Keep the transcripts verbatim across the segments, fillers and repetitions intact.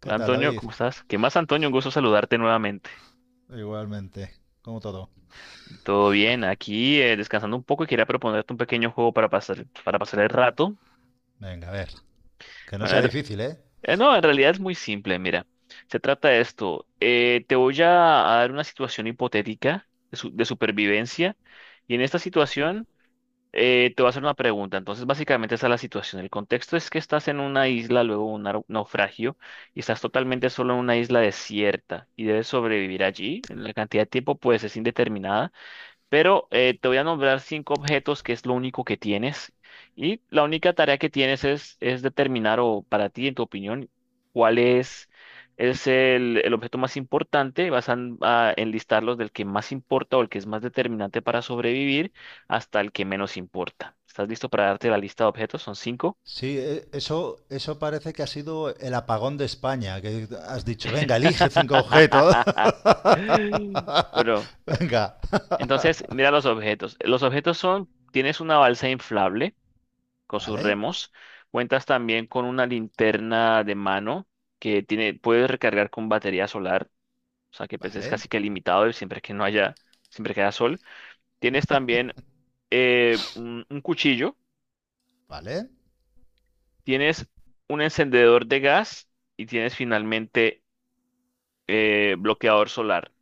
Hola ¿Qué tal, Antonio, David? ¿cómo estás? ¿Qué más, Antonio? Un gusto saludarte nuevamente. Igualmente, como todo. ¿Todo bien? Aquí eh, descansando un poco y quería proponerte un pequeño juego para pasar, para pasar el rato. Venga, a ver. Que no Bueno, sea en re- difícil, ¿eh? eh, no, En realidad es muy simple, mira. Se trata de esto. eh, te voy a, a dar una situación hipotética de, su- de supervivencia y en esta Uf, situación. Eh, te voy a hacer una pregunta. Entonces, básicamente esa es la situación. El contexto es que estás en una isla, luego un nau- naufragio, y estás totalmente solo en una isla desierta y debes sobrevivir allí. La cantidad de tiempo, pues, es indeterminada. Pero eh, te voy a nombrar cinco objetos que es lo único que tienes. Y la única tarea que tienes es, es determinar, o para ti, en tu opinión, cuál es, es el, el objeto más importante. Vas a, a enlistarlos del que más importa o el que es más determinante para sobrevivir hasta el que menos importa. ¿Estás listo para darte la lista de objetos? Son cinco. Sí, e- eso, eso parece que ha sido el apagón de España, que has dicho, venga, elige cinco objetos. Bueno, Venga. entonces mira los objetos. Los objetos son, tienes una balsa inflable con sus Vale, remos. Cuentas también con una linterna de mano que tiene, puedes recargar con batería solar, o sea que pues, es vale, casi que limitado y siempre que no haya, siempre que haya sol. Tienes también eh, un, un cuchillo, vale, tienes un encendedor de gas y tienes finalmente eh, bloqueador solar.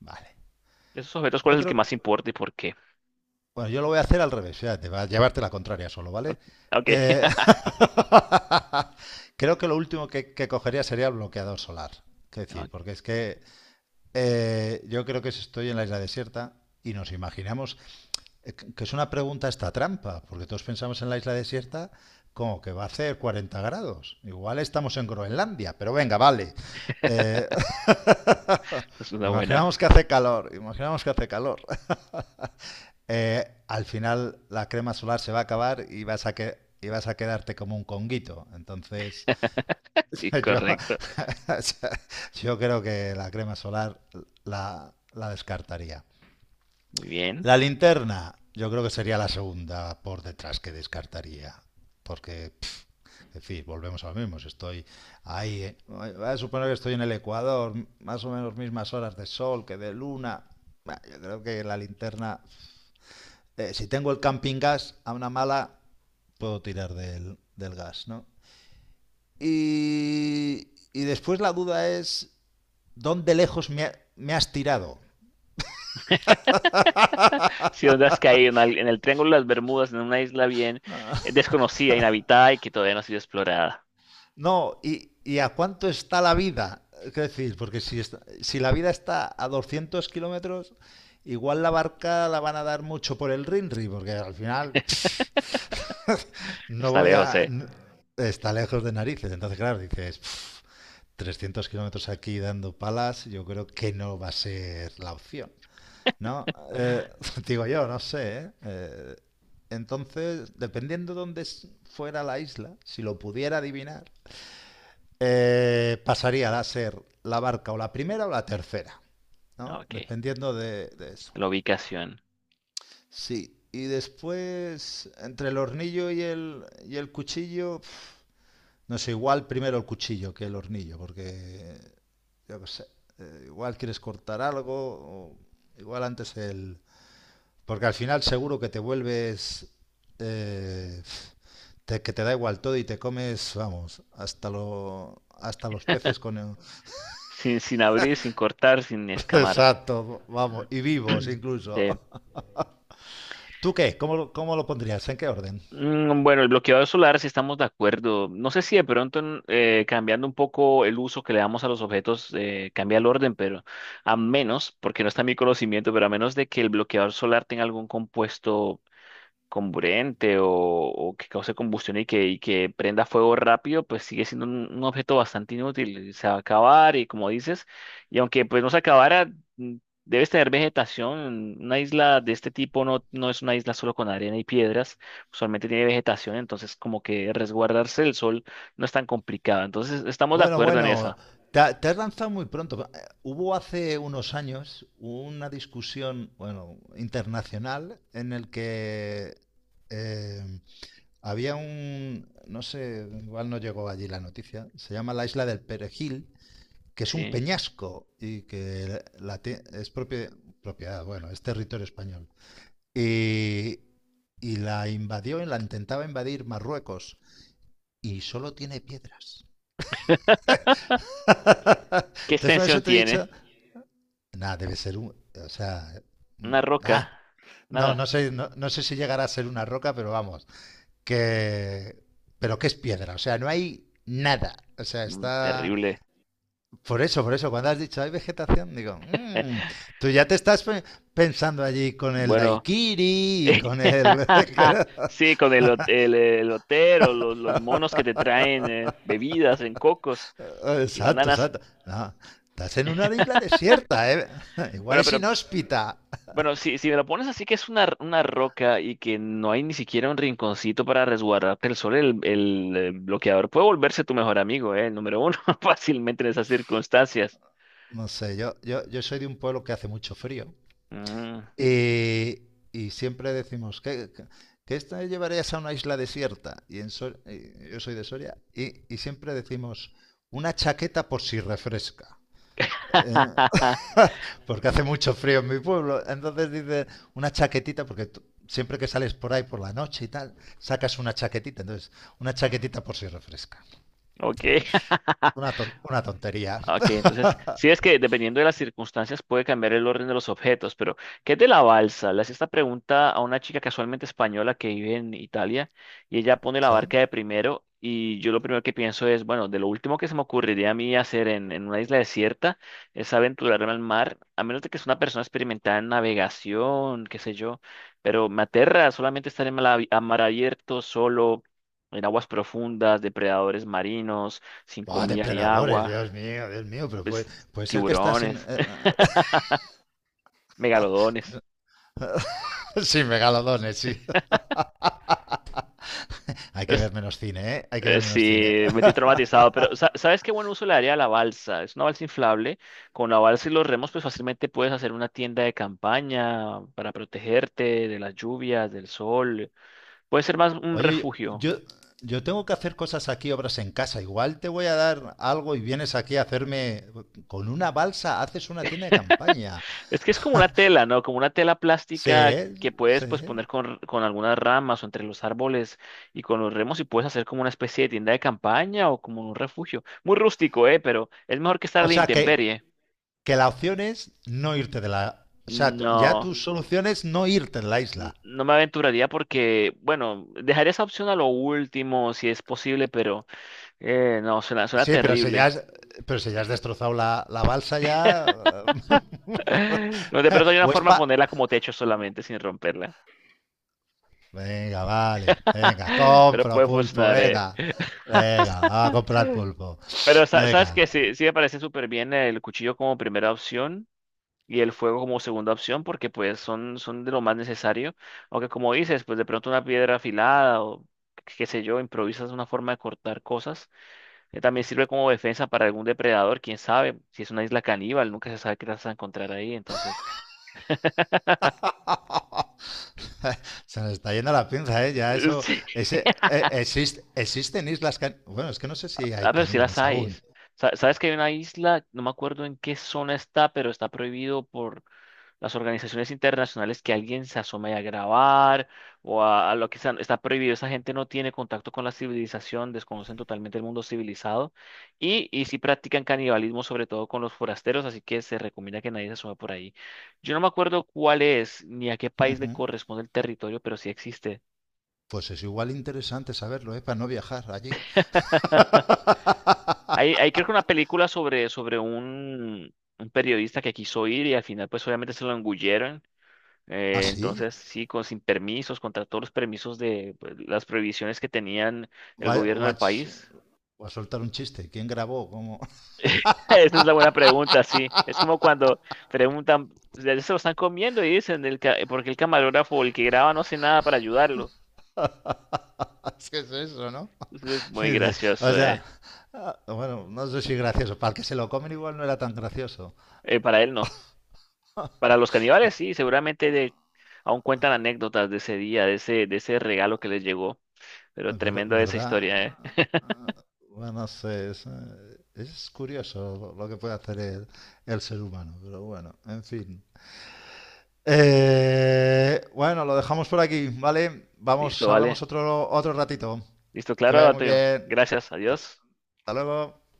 vale. De esos objetos, ¿cuál Yo es el que creo, más importa y por qué? bueno, yo lo voy a hacer al revés, fíjate, va a llevarte la contraria solo, ¿vale? Ok. Eh, Creo que lo último que, que cogería sería el bloqueador solar. Que Ok, decir, porque es que Eh, yo creo que si estoy en la isla desierta y nos imaginamos eh, que es una pregunta esta trampa, porque todos pensamos en la isla desierta como que va a hacer cuarenta grados. Igual estamos en Groenlandia, pero venga, vale. Eh, esa es una buena. Imaginamos que hace calor, imaginamos que hace calor. Eh, al final la crema solar se va a acabar y vas a que y vas a quedarte como un conguito. Entonces, Sí, yo, correcto. yo creo que la crema solar la, la descartaría. Muy bien. La linterna, yo creo que sería la segunda por detrás que descartaría. Porque, es decir, volvemos a lo mismo. Si estoy ahí, eh, voy a suponer que estoy en el Ecuador, más o menos mismas horas de sol que de luna. Bah, Yo creo que la linterna, eh, si tengo el camping gas a una mala, puedo tirar del, del gas, ¿no? Y, y después la duda es, ¿dónde lejos me, ha- me has tirado? Si donde has caído en, al- en el Triángulo de las Bermudas, en una isla bien eh, desconocida, inhabitada y que todavía no ha sido explorada. No, y, y ¿a cuánto está la vida? ¿Qué decir? Porque si, está- si la vida está a doscientos kilómetros, igual la barca la van a dar mucho por el Rinri, porque al final no Está voy lejos, a... ¿eh? n- Está lejos de narices, entonces claro, dices, "Pf, trescientos kilómetros aquí dando palas, yo creo que no va a ser la opción, ¿no? Eh, digo yo, no sé, ¿eh? Eh, entonces, dependiendo dónde s- fuera la isla, si lo pudiera adivinar, eh, pasaría a ser la barca o la primera o la tercera, Ah, ¿no? ok. Dependiendo de, de eso. La ubicación. Sí, y después entre el hornillo y el, y el cuchillo, pf, no sé, igual primero el cuchillo que el hornillo, porque yo qué sé, eh, igual quieres cortar algo, o igual antes el... Porque al final seguro que te vuelves... eh, te- que te da igual todo y te comes, vamos, hasta, lo, hasta los peces con el, Sin, sin abrir, sin cortar, sin escamar. exacto, vamos, y vivos incluso. Sí. ¿Tú qué? ¿Cómo, lo- cómo lo pondrías? ¿En qué orden? Mm, bueno, el bloqueador solar, si estamos de acuerdo. No sé si de pronto en- eh, cambiando un poco el uso que le damos a los objetos eh, cambia el orden, pero a menos, porque no está en mi conocimiento, pero a menos de que el bloqueador solar tenga algún compuesto comburente o, o que cause combustión y que, y que prenda fuego rápido, pues sigue siendo un, un objeto bastante inútil. Se va a acabar y como dices, y aunque pues no se acabara, mm, debes tener vegetación. Una isla de este tipo no, no es una isla solo con arena y piedras, usualmente tiene vegetación, entonces como que resguardarse del sol no es tan complicado. Entonces estamos de Bueno, acuerdo en bueno, esa, te, ha- te has lanzado muy pronto. Eh, Hubo hace unos años una discusión, bueno, internacional en el que eh, había un, no sé, igual no llegó allí la noticia, se llama la Isla del Perejil, que es un ¿sí? peñasco y que la, tie- es propia, propiedad, bueno, es territorio español. Y, y la invadió y la intentaba invadir Marruecos y solo tiene piedras. ¿Qué Entonces por extensión eso te he tiene? dicho, nada, debe ser un, o sea, Una roca, ah, no, nada. no sé, no, no sé si llegará a ser una roca, pero vamos, que, pero que es piedra, o sea, no hay nada. O sea, Mm, está. terrible. Por eso, por eso, cuando has dicho hay vegetación, digo, "Mm, tú ya te estás pensando allí con el Bueno. daiquiri y con el. Sí, con el, hot- el, el lotero, los, los monos que te traen eh, bebidas en cocos Ah, y exacto, bananas. exacto. No, estás en una isla desierta, ¿eh? Igual Bueno, es pero inhóspita. bueno, si, si me lo pones así que es una, una roca y que no hay ni siquiera un rinconcito para resguardarte el sol, el, el, eh, bloqueador puede volverse tu mejor amigo, eh, el número uno, fácilmente en esas circunstancias. No sé, yo, yo, yo soy de un pueblo que hace mucho frío Mm. y, y siempre decimos, ¿qué, qué, qué te llevarías a una isla desierta? Y en Sor- y yo soy de Soria y, y siempre decimos, una chaqueta por si refresca. ¿Eh? Porque hace mucho frío en mi pueblo. Entonces dice una chaquetita, porque tú- siempre que sales por ahí por la noche y tal, sacas una chaquetita. Entonces, una chaquetita por si refresca. Ok. Una, ton- una tontería. Ah, ok, entonces, sí es que dependiendo de las circunstancias puede cambiar el orden de los objetos, pero ¿qué es de la balsa? Le hacía esta pregunta a una chica casualmente española que vive en Italia y ella pone la Sí. barca de primero y yo lo primero que pienso es, bueno, de lo último que se me ocurriría a mí hacer en, en una isla desierta es aventurarme al mar, a menos de que sea una persona experimentada en navegación, qué sé yo, pero me aterra solamente estar en mala- a mar abierto, solo, en aguas profundas, depredadores marinos, sin Buah, comida ni depredadores, agua, Dios mío, Dios mío, pero pues, puede, puede ser que estás en... tiburones, eh, megalodones. sí, megalodones, sí. Hay que Es- ver menos cine, ¿eh? Hay que eh, ver sí, menos cine. me tiene traumatizado, pero sa- ¿sabes qué buen uso le daría a la balsa? Es una balsa inflable. Con la balsa y los remos, pues fácilmente puedes hacer una tienda de campaña para protegerte de las lluvias, del sol. Puede ser más un Oye, refugio. yo, yo tengo que hacer cosas aquí, obras en casa. Igual te voy a dar algo y vienes aquí a hacerme con una balsa, haces una tienda de campaña. Es que es como una tela, ¿no? Como una tela Sí, plástica que puedes pues sí. poner con, con algunas ramas o entre los árboles y con los remos y puedes hacer como una especie de tienda de campaña o como un refugio. Muy rústico, ¿eh? Pero es mejor que estar a O la sea, que, intemperie. que la opción es no irte de la... O sea, t- ya tu No, solución es no irte de la n- isla. no me aventuraría porque, bueno, dejaría esa opción a lo último si es posible, pero eh, no, suena, suena Sí, pero si ya terrible. has, pero si ya has destrozado la, la balsa ya... No, de pronto hay una o es forma de pa- ponerla como techo solamente sin romperla. venga, vale. Venga, Pero compro puede pulpo, funcionar, eh. venga. Venga, va a comprar pulpo. Pero sa- sabes Venga. que sí, sí me parece súper bien el cuchillo como primera opción y el fuego como segunda opción porque pues son, son de lo más necesario. Aunque como dices, pues de pronto una piedra afilada o qué sé yo, improvisas una forma de cortar cosas, que también sirve como defensa para algún depredador, quién sabe, si es una isla caníbal, nunca se sabe qué las vas a encontrar ahí, entonces, Se nos está yendo la pinza, ¿eh? Ya eh, eso... sí. ese, eh, exist- existen islas... can- bueno, es que no sé Ah, si hay pero sí las caníbales hay. aún. Sa- Sabes que hay una isla, no me acuerdo en qué zona está, pero está prohibido por las organizaciones internacionales que alguien se asome a grabar o a, a lo que sea, está prohibido. Esa gente no tiene contacto con la civilización, desconocen totalmente el mundo civilizado y, y sí practican canibalismo, sobre todo con los forasteros, así que se recomienda que nadie se asome por ahí. Yo no me acuerdo cuál es ni a qué país le Ujú. corresponde el territorio, pero sí existe. Pues es igual interesante saberlo, ¿eh? Para no viajar allí. Hay, hay creo que una película sobre, sobre un, un periodista que quiso ir y al final pues obviamente se lo engullieron. ¿Ah, Eh, sí? Entonces, sí, con, sin permisos, contra todos los permisos de pues, las prohibiciones que tenían el Voy a, gobierno voy a del ch- país. voy a soltar un chiste. ¿Quién grabó? ¿Cómo? Esa es la buena pregunta, sí. Es como cuando preguntan, "¿De- se lo están comiendo?" Y dicen, el ca- eh, porque el camarógrafo, o el que graba, no hace nada para ayudarlo. Es que es eso, ¿no? Entonces, es muy Dice, o gracioso, sea, ¿eh? ah, bueno, no sé si gracioso. Para el que se lo comen igual no era tan gracioso. Eh, para él no. Para los Y, caníbales, sí, seguramente, de, aún cuentan anécdotas de ese día, de ese, de ese regalo que les llegó. Pero ver- tremenda esa ¿verdad? historia, ¿eh? Ah, bueno, no sé, es, eh, es curioso lo, lo que puede hacer el, el ser humano, pero bueno, en fin. Eh, bueno, lo dejamos por aquí, ¿vale? Listo, Vamos, hablamos vale. otro, otro ratito. Listo, Que claro, vaya muy Antonio. bien. Gracias, Hasta adiós. Hasta luego.